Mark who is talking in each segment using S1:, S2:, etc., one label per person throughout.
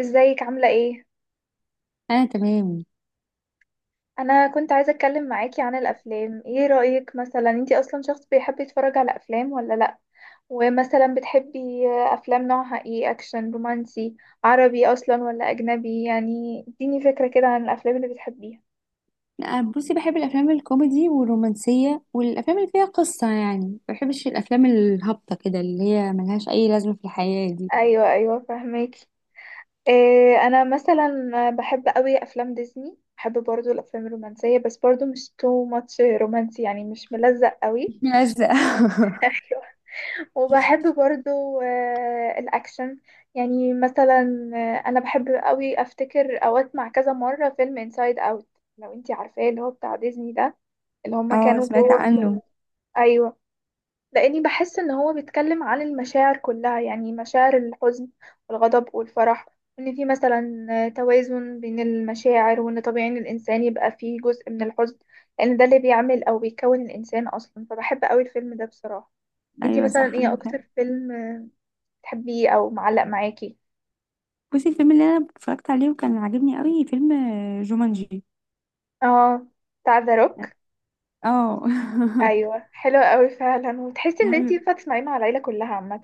S1: ازيك عاملة ايه؟
S2: انا تمام.
S1: انا كنت عايزة اتكلم معاكي عن الافلام. ايه رأيك، مثلا، انتي اصلا شخص بيحب يتفرج على افلام ولا لا؟ ومثلا بتحبي افلام نوعها ايه؟ اكشن، رومانسي، عربي اصلا ولا اجنبي؟ يعني اديني فكرة كده عن الافلام اللي بتحبيها.
S2: أنا بصي بحب الافلام الكوميدي والرومانسيه والافلام اللي فيها قصه، يعني ما بحبش الافلام الهابطه كده اللي هي ملهاش اي لازمه في الحياه دي.
S1: ايوه، ايوه، فهماكي. إيه، انا مثلا بحب قوي افلام ديزني، بحب برضو الافلام الرومانسية، بس برضو مش تو ماتش رومانسي، يعني مش ملزق قوي.
S2: ملزق.
S1: وبحب برضو الأكشن. يعني مثلا أنا بحب قوي. أفتكر أو أسمع كذا مرة فيلم Inside Out، لو انتي عارفاه، اللي هو بتاع ديزني ده، اللي هما
S2: اه،
S1: كانوا
S2: سمعت
S1: جوه في.
S2: عنه.
S1: أيوة، لأني بحس إن هو بيتكلم عن المشاعر كلها، يعني مشاعر الحزن والغضب والفرح، وإن في مثلا توازن بين المشاعر، وإن طبيعي إن الإنسان يبقى فيه جزء من الحزن، لأن ده اللي بيعمل أو بيكون الإنسان أصلا. فبحب قوي الفيلم ده بصراحة. انتي
S2: ايوه
S1: مثلا
S2: صح،
S1: ايه
S2: عندك حق.
S1: أكتر فيلم بتحبيه او معلق معاكي؟
S2: بصي الفيلم اللي انا اتفرجت عليه وكان عاجبني قوي فيلم جومانجي.
S1: اه، بتاع ذا روك.
S2: اه.
S1: ايوه، حلو قوي فعلا، وتحسي ان انتي
S2: حلو.
S1: ينفع تسمعيه مع العيله كلها عامه.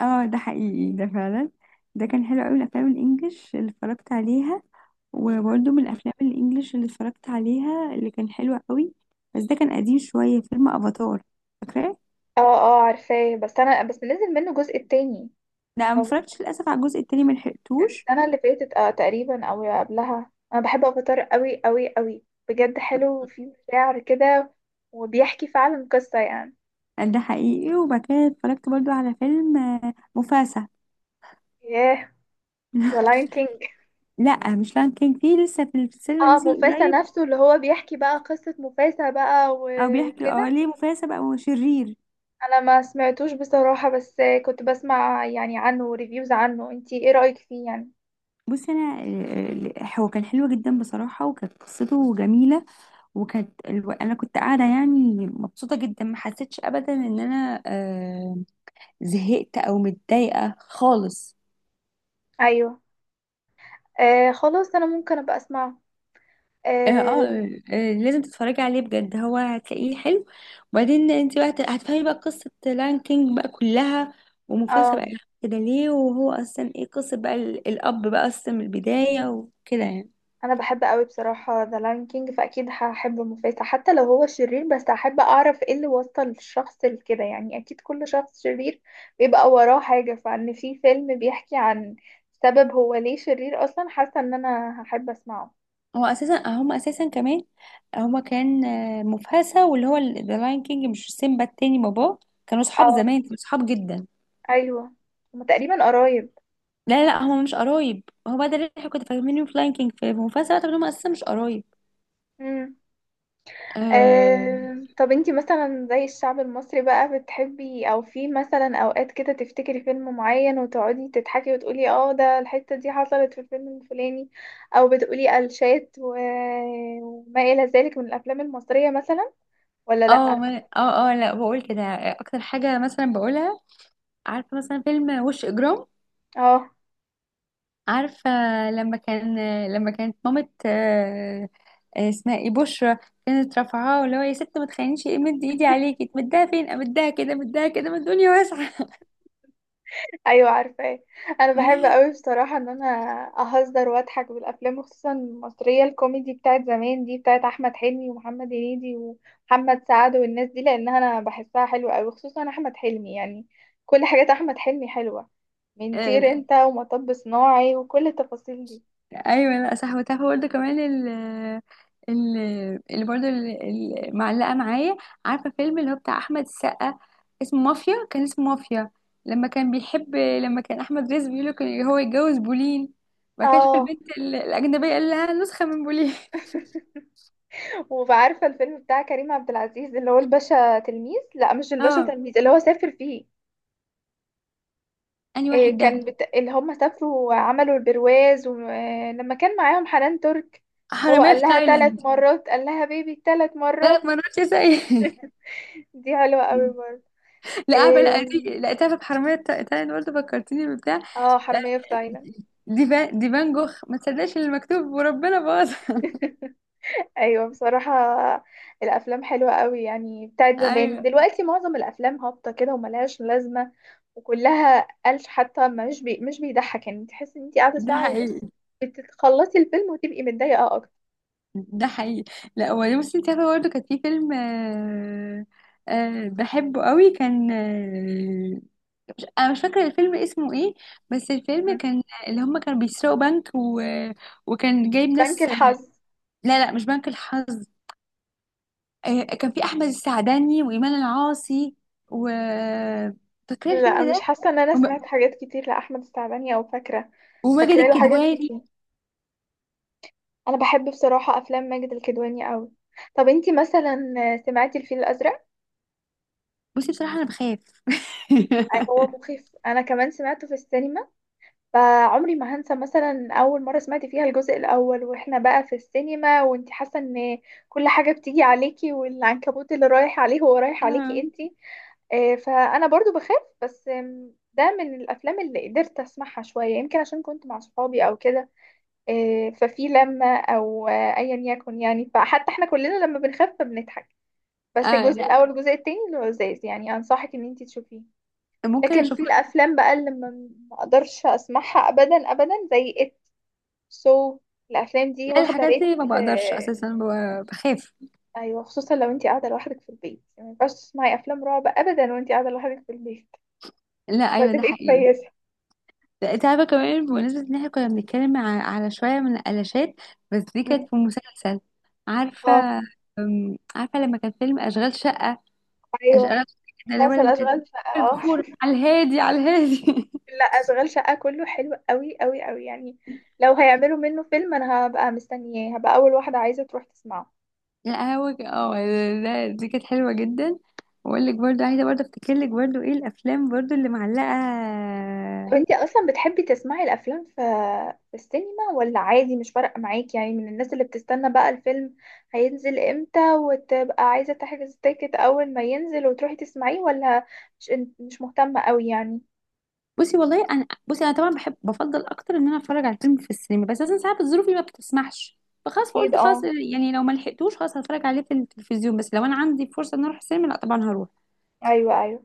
S2: اه، ده حقيقي ده فعلا. ده كان حلو قوي، الافلام الانجليش اللي اتفرجت عليها.
S1: مم.
S2: وبرده من الافلام الانجليش اللي اتفرجت عليها اللي كان حلو قوي بس ده كان قديم شويه، فيلم افاتار. فاكراه؟
S1: اه، اه، عارفاه، بس انا نزل منه الجزء التاني.
S2: لا، ما
S1: لو
S2: اتفرجتش للاسف على الجزء التاني، ما
S1: كان
S2: لحقتوش.
S1: السنه اللي فاتت تقريبا او قبلها. انا بحب افاتار قوي قوي قوي، بجد حلو وفيه مشاعر كده، وبيحكي فعلا قصه يعني.
S2: ده حقيقي. وبعد كده اتفرجت برضو على فيلم مفاسا.
S1: ياه، ذا لاين كينج.
S2: لا، مش لان كان في لسه في السينما،
S1: اه،
S2: نزل
S1: موفاسا
S2: قريب.
S1: نفسه، اللي هو بيحكي بقى قصه موفاسا بقى
S2: او
S1: و-
S2: بيحكي
S1: وكده.
S2: ليه مفاسا بقى شرير.
S1: انا ما سمعتوش بصراحة، بس كنت بسمع يعني عنه ريفيوز عنه. انتي ايه رأيك فيه يعني؟
S2: بصي انا هو كان حلو جدا بصراحه، وكانت قصته جميله. وكانت انا كنت قاعده يعني مبسوطه جدا، ما حسيتش ابدا ان انا زهقت او متضايقه خالص.
S1: ايوه. خلاص انا ممكن ابقى اسمعه.
S2: اه,
S1: اه,
S2: آه, آه، لازم تتفرجي عليه بجد، هو هتلاقيه حلو. وبعدين انت بقى هتفهمي بقى قصه لاين كينج بقى كلها، ومفاسة
S1: آه
S2: بقى كده ليه، وهو اصلا ايه قصه بقى الاب بقى اصلا من البدايه وكده يعني.
S1: انا بحب قوي بصراحة ذا لاين كينج، فاكيد هحب مفاسة حتى لو هو شرير، بس هحب اعرف ايه اللي وصل الشخص لكده. يعني اكيد كل شخص شرير بيبقى وراه حاجة، فان في فيلم بيحكي عن سبب هو ليه شرير اصلا. حاسة ان انا هحب اسمعه.
S2: هو اساسا هم اساسا كمان، هما كان مفاسة واللي هو ذا لاين كينج مش سيمبا، التاني باباه. كانوا صحاب
S1: اه،
S2: زمان، كانوا صحاب جدا.
S1: ايوه، هما تقريبا قرايب.
S2: لا لا لا، هما مش قرايب. هو ده اللي احنا كنا فاهمينه في لاين كينج، في مفاسة طب هما اساسا مش قرايب. اه.
S1: طب انتي مثلا زي الشعب المصري بقى، بتحبي او في مثلا اوقات كده تفتكري فيلم معين وتقعدي تضحكي وتقولي اه، ده الحتة دي حصلت في الفيلم الفلاني؟ او بتقولي قلشات و... وما الى ذلك من الافلام المصرية مثلا ولا لا؟
S2: اه، لا بقول كده. اكتر حاجة مثلا بقولها، عارفة مثلا فيلم وش اجرام؟
S1: اه،
S2: عارفة؟ لما كان لما كانت مامة اسمها ايه، بشرى، كانت رافعاه اللي هو: يا ست، ما تخلينيش مد ايدي عليكي، تمدها فين؟ امدها كده، مدها كده، ما الدنيا واسعة.
S1: ايوه، عارفاه. انا بحب قوي بصراحه ان انا اهزر واضحك بالافلام، وخصوصا المصريه الكوميدي بتاعت زمان دي، بتاعت احمد حلمي ومحمد هنيدي ومحمد سعد والناس دي، لانها انا بحسها حلوه قوي، خصوصا احمد حلمي. يعني كل حاجات احمد حلمي حلوه، من طير انت ومطب صناعي وكل التفاصيل دي.
S2: ايوه لا صح. وتعرفي برضه كمان ال- اللي برضه معلقه معايا، عارفه فيلم اللي هو بتاع احمد السقا، اسمه مافيا، كان اسمه مافيا. لما كان احمد رزق بيقول له كان هو يتجوز بولين، وبعد كده شاف
S1: اه،
S2: البنت الاجنبيه قال لها نسخه من بولين.
S1: وعارفه الفيلم بتاع كريم عبد العزيز اللي هو الباشا تلميذ، لا مش الباشا
S2: اه.
S1: تلميذ، اللي هو سافر فيه.
S2: انهي واحد
S1: إيه،
S2: ده؟
S1: كان اللي هم سافروا وعملوا البرواز، ولما كان معاهم حنان ترك، اللي هو
S2: حراميه
S1: قال
S2: في
S1: لها ثلاث
S2: تايلاند.
S1: مرات قال لها بيبي ثلاث
S2: ثلاث
S1: مرات
S2: مرات يا سيد.
S1: دي حلوة قوي برضه.
S2: لا، عارفه، لا
S1: إيه...
S2: دي، لا تعرف حراميه في تايلاند برضه، فكرتيني ببتاع،
S1: اه، حرامية في تايلاند.
S2: دي فان جوخ، ما تصدقش اللي مكتوب وربنا باظ.
S1: ايوه بصراحة، الافلام حلوة قوي يعني بتاعت زمان.
S2: ايوه
S1: دلوقتي معظم الافلام هابطة كده وملهاش لازمة، وكلها قالش، حتى مش بيضحك، يعني تحس ان انت قاعدة
S2: ده
S1: ساعة
S2: حقيقي.
S1: ونص بتخلصي الفيلم وتبقي متضايقة اكتر.
S2: ده حقيقي. لا هو بصي، انت عارفه برضه كان في فيلم بحبه قوي، كان مش فاكره الفيلم اسمه ايه، بس الفيلم
S1: مم.
S2: كان اللي هم كانوا بيسرقوا بنك وكان جايب
S1: بنك
S2: ناس.
S1: الحظ.
S2: لا لا مش بنك الحظ. كان في احمد السعداني وايمان العاصي و، فاكره الفيلم
S1: لا، مش
S2: ده
S1: حاسة ان انا سمعت
S2: وم-
S1: حاجات كتير لأحمد السعداني، او فاكرة.
S2: وماجد
S1: فاكرة له حاجات
S2: الكدواني.
S1: كتير. انا بحب بصراحة افلام ماجد الكدواني قوي. طب انتي مثلا سمعتي الفيل الازرق؟
S2: بصي بصراحة أنا بخاف.
S1: هو مخيف، انا كمان سمعته في السينما. فعمري ما هنسى مثلا اول مرة سمعت فيها الجزء الاول واحنا بقى في السينما، وانتي حاسة ان كل حاجة بتيجي عليكي، والعنكبوت اللي رايح عليه هو رايح عليكي
S2: آه.
S1: انتي. فانا برضو بخاف، بس ده من الافلام اللي قدرت اسمعها شوية، يمكن عشان كنت مع صحابي او كده. ففي لما او ايا يكن، يعني فحتى احنا كلنا لما بنخاف فبنضحك. بس
S2: آه
S1: الجزء
S2: لا،
S1: الاول والجزء التاني لذيذ، يعني انصحك ان انت تشوفيه.
S2: ممكن
S1: لكن في
S2: أشوفها.
S1: الافلام بقى اللي ما اقدرش اسمعها ابدا ابدا، زي ات سو الافلام دي
S2: لا،
S1: واخده
S2: الحاجات
S1: ريت
S2: دي ما بقدرش
S1: آه،
S2: أساسا بخاف.
S1: ايوه، خصوصا لو انت قاعده لوحدك في البيت، يعني ما ينفعش تسمعي افلام رعب ابدا وانت قاعده لوحدك في البيت.
S2: لا
S1: مش
S2: أيوة ده
S1: هتبقي
S2: حقيقي.
S1: كويسه.
S2: لا، أنت عارفة كمان بمناسبة إن إحنا كنا بنتكلم على شوية من القلاشات، بس دي
S1: مم.
S2: كانت في مسلسل. عارفة.
S1: اه،
S2: عارفة لما كان فيلم أشغال شقة؟ أشغال
S1: ايوه،
S2: شقة ده اللي هو
S1: مسلسل
S2: لما كان
S1: اشغال شقه، اه.
S2: البخور على الهادي، على الهادي.
S1: لا، اشغال شقة كله حلو قوي قوي قوي. يعني لو هيعملوا منه فيلم انا هبقى مستنياه، هبقى اول واحدة عايزة تروح تسمعه.
S2: لا هو لا دي كانت حلوة جدا. واقول لك برضو، عايزة برضو افتكر لك برضو ايه الافلام برضو اللي معلقة.
S1: طب انتي اصلا بتحبي تسمعي الافلام في السينما، ولا عادي مش فارقة معاكي؟ يعني من الناس اللي بتستنى بقى الفيلم هينزل امتى، وتبقى عايزة تحجز تيكت اول ما ينزل وتروحي تسمعيه، ولا مش مش مهتمة قوي يعني؟
S2: بصي انا طبعا بفضل اكتر ان انا اتفرج على فيلم في السينما، بس اصلا ساعات الظروف اللي ما بتسمحش، فخلاص
S1: اكيد،
S2: فقلت خلاص
S1: اه،
S2: يعني لو ما لحقتوش خلاص هتفرج عليه في التلفزيون، بس لو انا عندي فرصة ان اروح السينما لا طبعا هروح.
S1: ايوه، ايوه.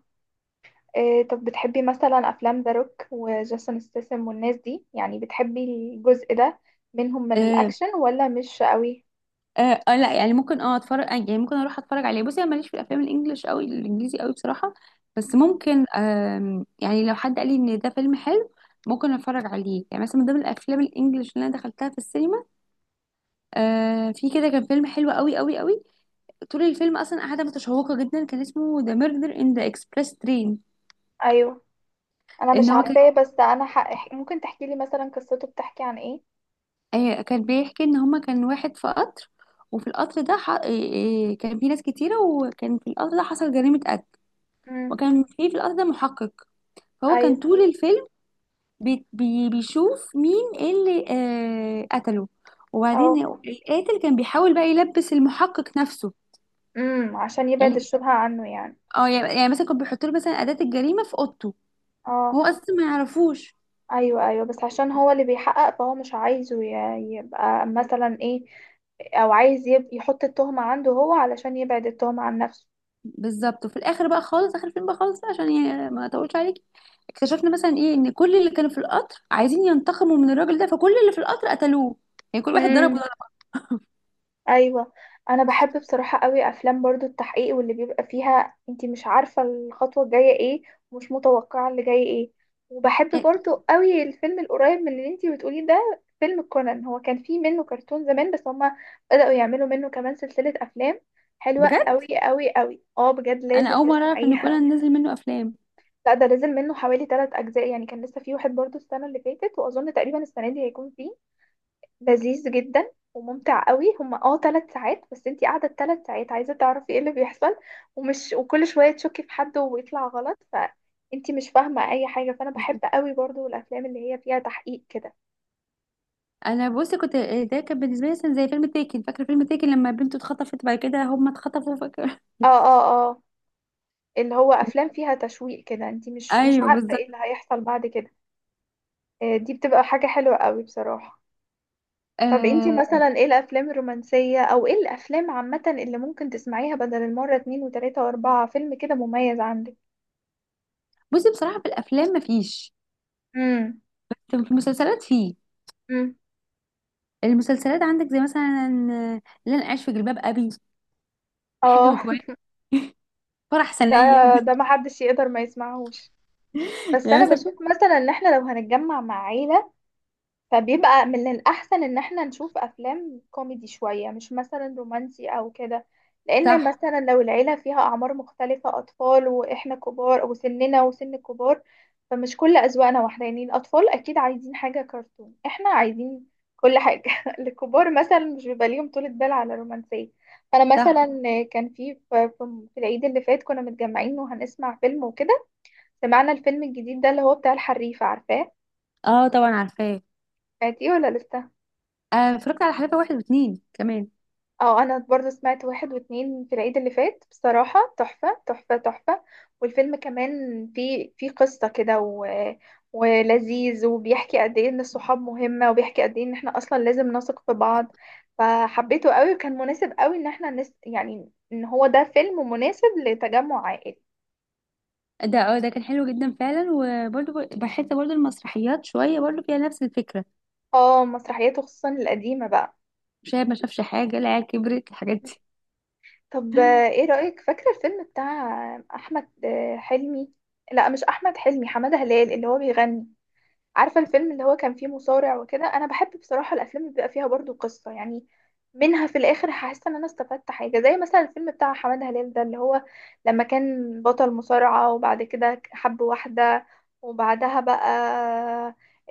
S1: إيه، طب بتحبي مثلا افلام ذا روك وجيسون ستاثام والناس دي؟ يعني بتحبي الجزء ده منهم من
S2: آه،
S1: الاكشن ولا مش قوي؟
S2: لا يعني ممكن اتفرج، يعني ممكن اروح اتفرج عليه. بصي انا ماليش في الافلام الانجليش قوي، الانجليزي قوي بصراحه. بس
S1: مم.
S2: ممكن يعني لو حد قال لي ان ده فيلم حلو ممكن اتفرج عليه. يعني مثلا من ضمن الافلام الانجليش اللي انا دخلتها في السينما في كده كان فيلم حلو قوي قوي قوي، طول الفيلم اصلا قاعده متشوقه جدا، كان اسمه ذا ميردر ان ذا اكسبريس ترين.
S1: ايوه. انا
S2: ان
S1: مش
S2: هو كان
S1: عارفاه، بس انا ممكن تحكي لي مثلا قصته؟ بتحكي عن ايه؟
S2: كان بيحكي ان هما كان واحد في قطر، وفي القطر ده ح... آه، آه، كان في ناس كتيره، وكان في القطر ده حصل جريمه قتل،
S1: امم.
S2: وكان في في القطر ده محقق. فهو كان
S1: ايوه.
S2: طول الفيلم بي بي بيشوف مين اللي قتله. وبعدين
S1: اه،
S2: القاتل كان بيحاول بقى يلبس المحقق نفسه،
S1: عشان يبعد
S2: يعني
S1: الشبهة عنه يعني.
S2: مثلا كان بيحط له مثلا أداة الجريمة في اوضته، وهو
S1: اه،
S2: اصلا ما يعرفوش.
S1: ايوه، ايوه، بس عشان هو اللي بيحقق فهو مش عايزه يبقى مثلا ايه، او عايز يحط التهمة عنده هو علشان يبعد التهمة عن نفسه.
S2: بالظبط. وفي الاخر بقى خالص، اخر الفيلم بقى خالص بقى، عشان يعني ما اطولش عليك، اكتشفنا مثلا ايه، ان كل اللي كانوا في القطر عايزين ينتقموا من الراجل ده، فكل اللي في القطر قتلوه، يعني كل واحد ضرب ضرب.
S1: ايوه، انا بحب بصراحه قوي افلام برضو التحقيق، واللي بيبقى فيها انتي مش عارفه الخطوه الجايه ايه، ومش متوقعه اللي جاي ايه. وبحب
S2: إيه،
S1: برضو قوي الفيلم القريب من اللي انتي بتقوليه ده، فيلم كونان. هو كان فيه منه كرتون زمان، بس هما بدأوا يعملوا منه كمان سلسله افلام حلوه
S2: بجد
S1: قوي قوي قوي، اه بجد
S2: انا
S1: لازم
S2: اول مره اعرف ان
S1: تسمعيها.
S2: كونان نزل منه افلام.
S1: لا، ده نزل منه حوالي 3 اجزاء، يعني كان لسه فيه واحد برضو السنه اللي فاتت، واظن تقريبا السنه دي هيكون فيه. لذيذ جدا وممتع قوي، هما اه 3 ساعات، بس انتي قاعده 3 ساعات عايزه تعرفي ايه اللي بيحصل، ومش وكل شويه تشكي في حد ويطلع غلط فانتي مش فاهمه اي حاجه. فانا بحب قوي برضو الافلام اللي هي فيها تحقيق كده.
S2: انا بصي كنت، ده كان بالنسبه لي مثلا زي فيلم تيكن، فاكره فيلم تيكن لما بنته اتخطفت، بعد كده هم اتخطفوا، فاكره.
S1: اه، اه، اه، اللي هو افلام فيها تشويق كده، انتي مش
S2: ايوه
S1: عارفه
S2: بالظبط.
S1: ايه اللي هيحصل بعد كده. دي بتبقى حاجه حلوه قوي بصراحه. طب انتي
S2: آه.
S1: مثلا ايه الافلام الرومانسيه او ايه الافلام عامه اللي ممكن تسمعيها بدل المره، اتنين وتلاته واربعه، فيلم كده مميز عندك؟
S2: بصي بصراحه في الافلام مفيش، في المسلسلات فيه.
S1: امم.
S2: المسلسلات عندك زي مثلا اللي انا عايش في جلباب ابي، حاجه
S1: اه،
S2: متولي، فرح
S1: ده
S2: سنيه، يعني
S1: ده محدش يقدر ما يسمعهوش، بس انا
S2: مثلا.
S1: بشوف مثلا ان احنا لو هنتجمع مع عيلة، فبيبقى من الأحسن إن احنا نشوف أفلام كوميدي شوية، مش مثلا رومانسي أو كده. لأن
S2: صح.
S1: مثلا لو العيلة فيها أعمار مختلفة، أطفال وإحنا كبار، وسننا وسن الكبار، فمش كل أذواقنا واحدة. يعني الأطفال أكيد عايزين حاجة كرتون، احنا عايزين كل حاجة. الكبار مثلا مش بيبقى ليهم طولة بال على الرومانسية. أنا
S2: صح.
S1: مثلا، كان في العيد اللي فات كنا متجمعين وهنسمع فيلم وكده. سمعنا الفيلم الجديد ده اللي هو بتاع الحريفة، عارفاه؟
S2: اه طبعا عارفاه.
S1: سمعتيه ولا لسه؟
S2: آه، اتفرجت على حلقه واحد واتنين كمان.
S1: اه، انا برضو سمعت واحد واتنين في العيد اللي فات، بصراحة تحفة تحفة تحفة. والفيلم كمان فيه قصة كده و... ولذيذ، وبيحكي قد ايه ان الصحاب مهمة، وبيحكي قد ايه ان احنا اصلا لازم نثق في بعض، فحبيته قوي، وكان مناسب قوي ان احنا يعني ان هو ده فيلم مناسب لتجمع عائلي.
S2: ده كان حلو جدا فعلا. وبرده بحس برده المسرحيات شويه برده فيها نفس الفكره،
S1: اه، مسرحياته خصوصا القديمة بقى.
S2: شايف ما شافش حاجه، العيال كبرت، الحاجات دي.
S1: طب ايه رأيك فاكرة الفيلم بتاع احمد حلمي؟ لا، مش احمد حلمي، حمادة هلال اللي هو بيغني. عارفة الفيلم اللي هو كان فيه مصارع وكده؟ انا بحب بصراحة الافلام اللي بيبقى فيها برضو قصة، يعني منها في الاخر حاسة ان انا استفدت حاجة، زي مثلا الفيلم بتاع حمادة هلال ده اللي هو لما كان بطل مصارعة وبعد كده حب واحدة، وبعدها بقى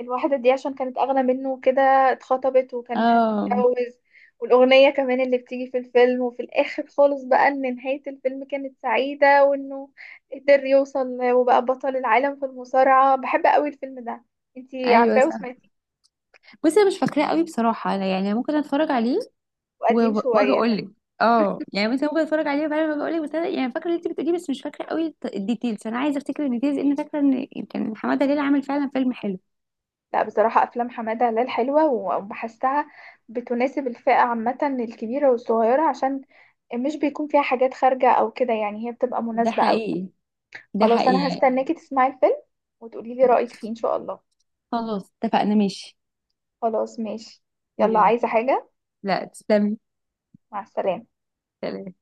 S1: الواحدة دي عشان كانت اغنى منه كده، اتخطبت وكانت
S2: اه
S1: هتتجوز. والأغنية كمان اللي بتيجي في الفيلم، وفي الآخر خالص بقى إن نهاية الفيلم كانت سعيدة، وإنه قدر يوصل وبقى بطل العالم في المصارعة. بحب قوي الفيلم ده. انتي
S2: ايوه
S1: عارفاه
S2: صح.
S1: وسمعتيه؟
S2: بصي انا مش فاكراه قوي بصراحه، أنا يعني ممكن اتفرج عليه،
S1: قديم
S2: واجي
S1: شوية.
S2: اقول لك. اه يعني مثلا ممكن اتفرج عليه وبعدين اجي اقول لك، بس انا يعني فاكره اللي انت بتقوليه بس مش فاكره قوي الديتيلز، انا عايزه افتكر الديتيلز لان فاكره ان كان حماده هلال عامل فعلا فيلم حلو.
S1: لا، بصراحة أفلام حمادة هلال حلوة، وبحسها بتناسب الفئة عامة الكبيرة والصغيرة، عشان مش بيكون فيها حاجات خارجة أو كده، يعني هي بتبقى
S2: ده
S1: مناسبة أوي.
S2: حقيقي. ده
S1: خلاص، أنا
S2: حقيقي.
S1: هستناكي تسمعي الفيلم وتقولي لي رأيك فيه إن شاء الله.
S2: خلاص اتفقنا، ماشي.
S1: خلاص ماشي. يلا،
S2: يلا.
S1: عايزة حاجة؟
S2: لا، تسلمي.
S1: مع السلامة.
S2: سلام.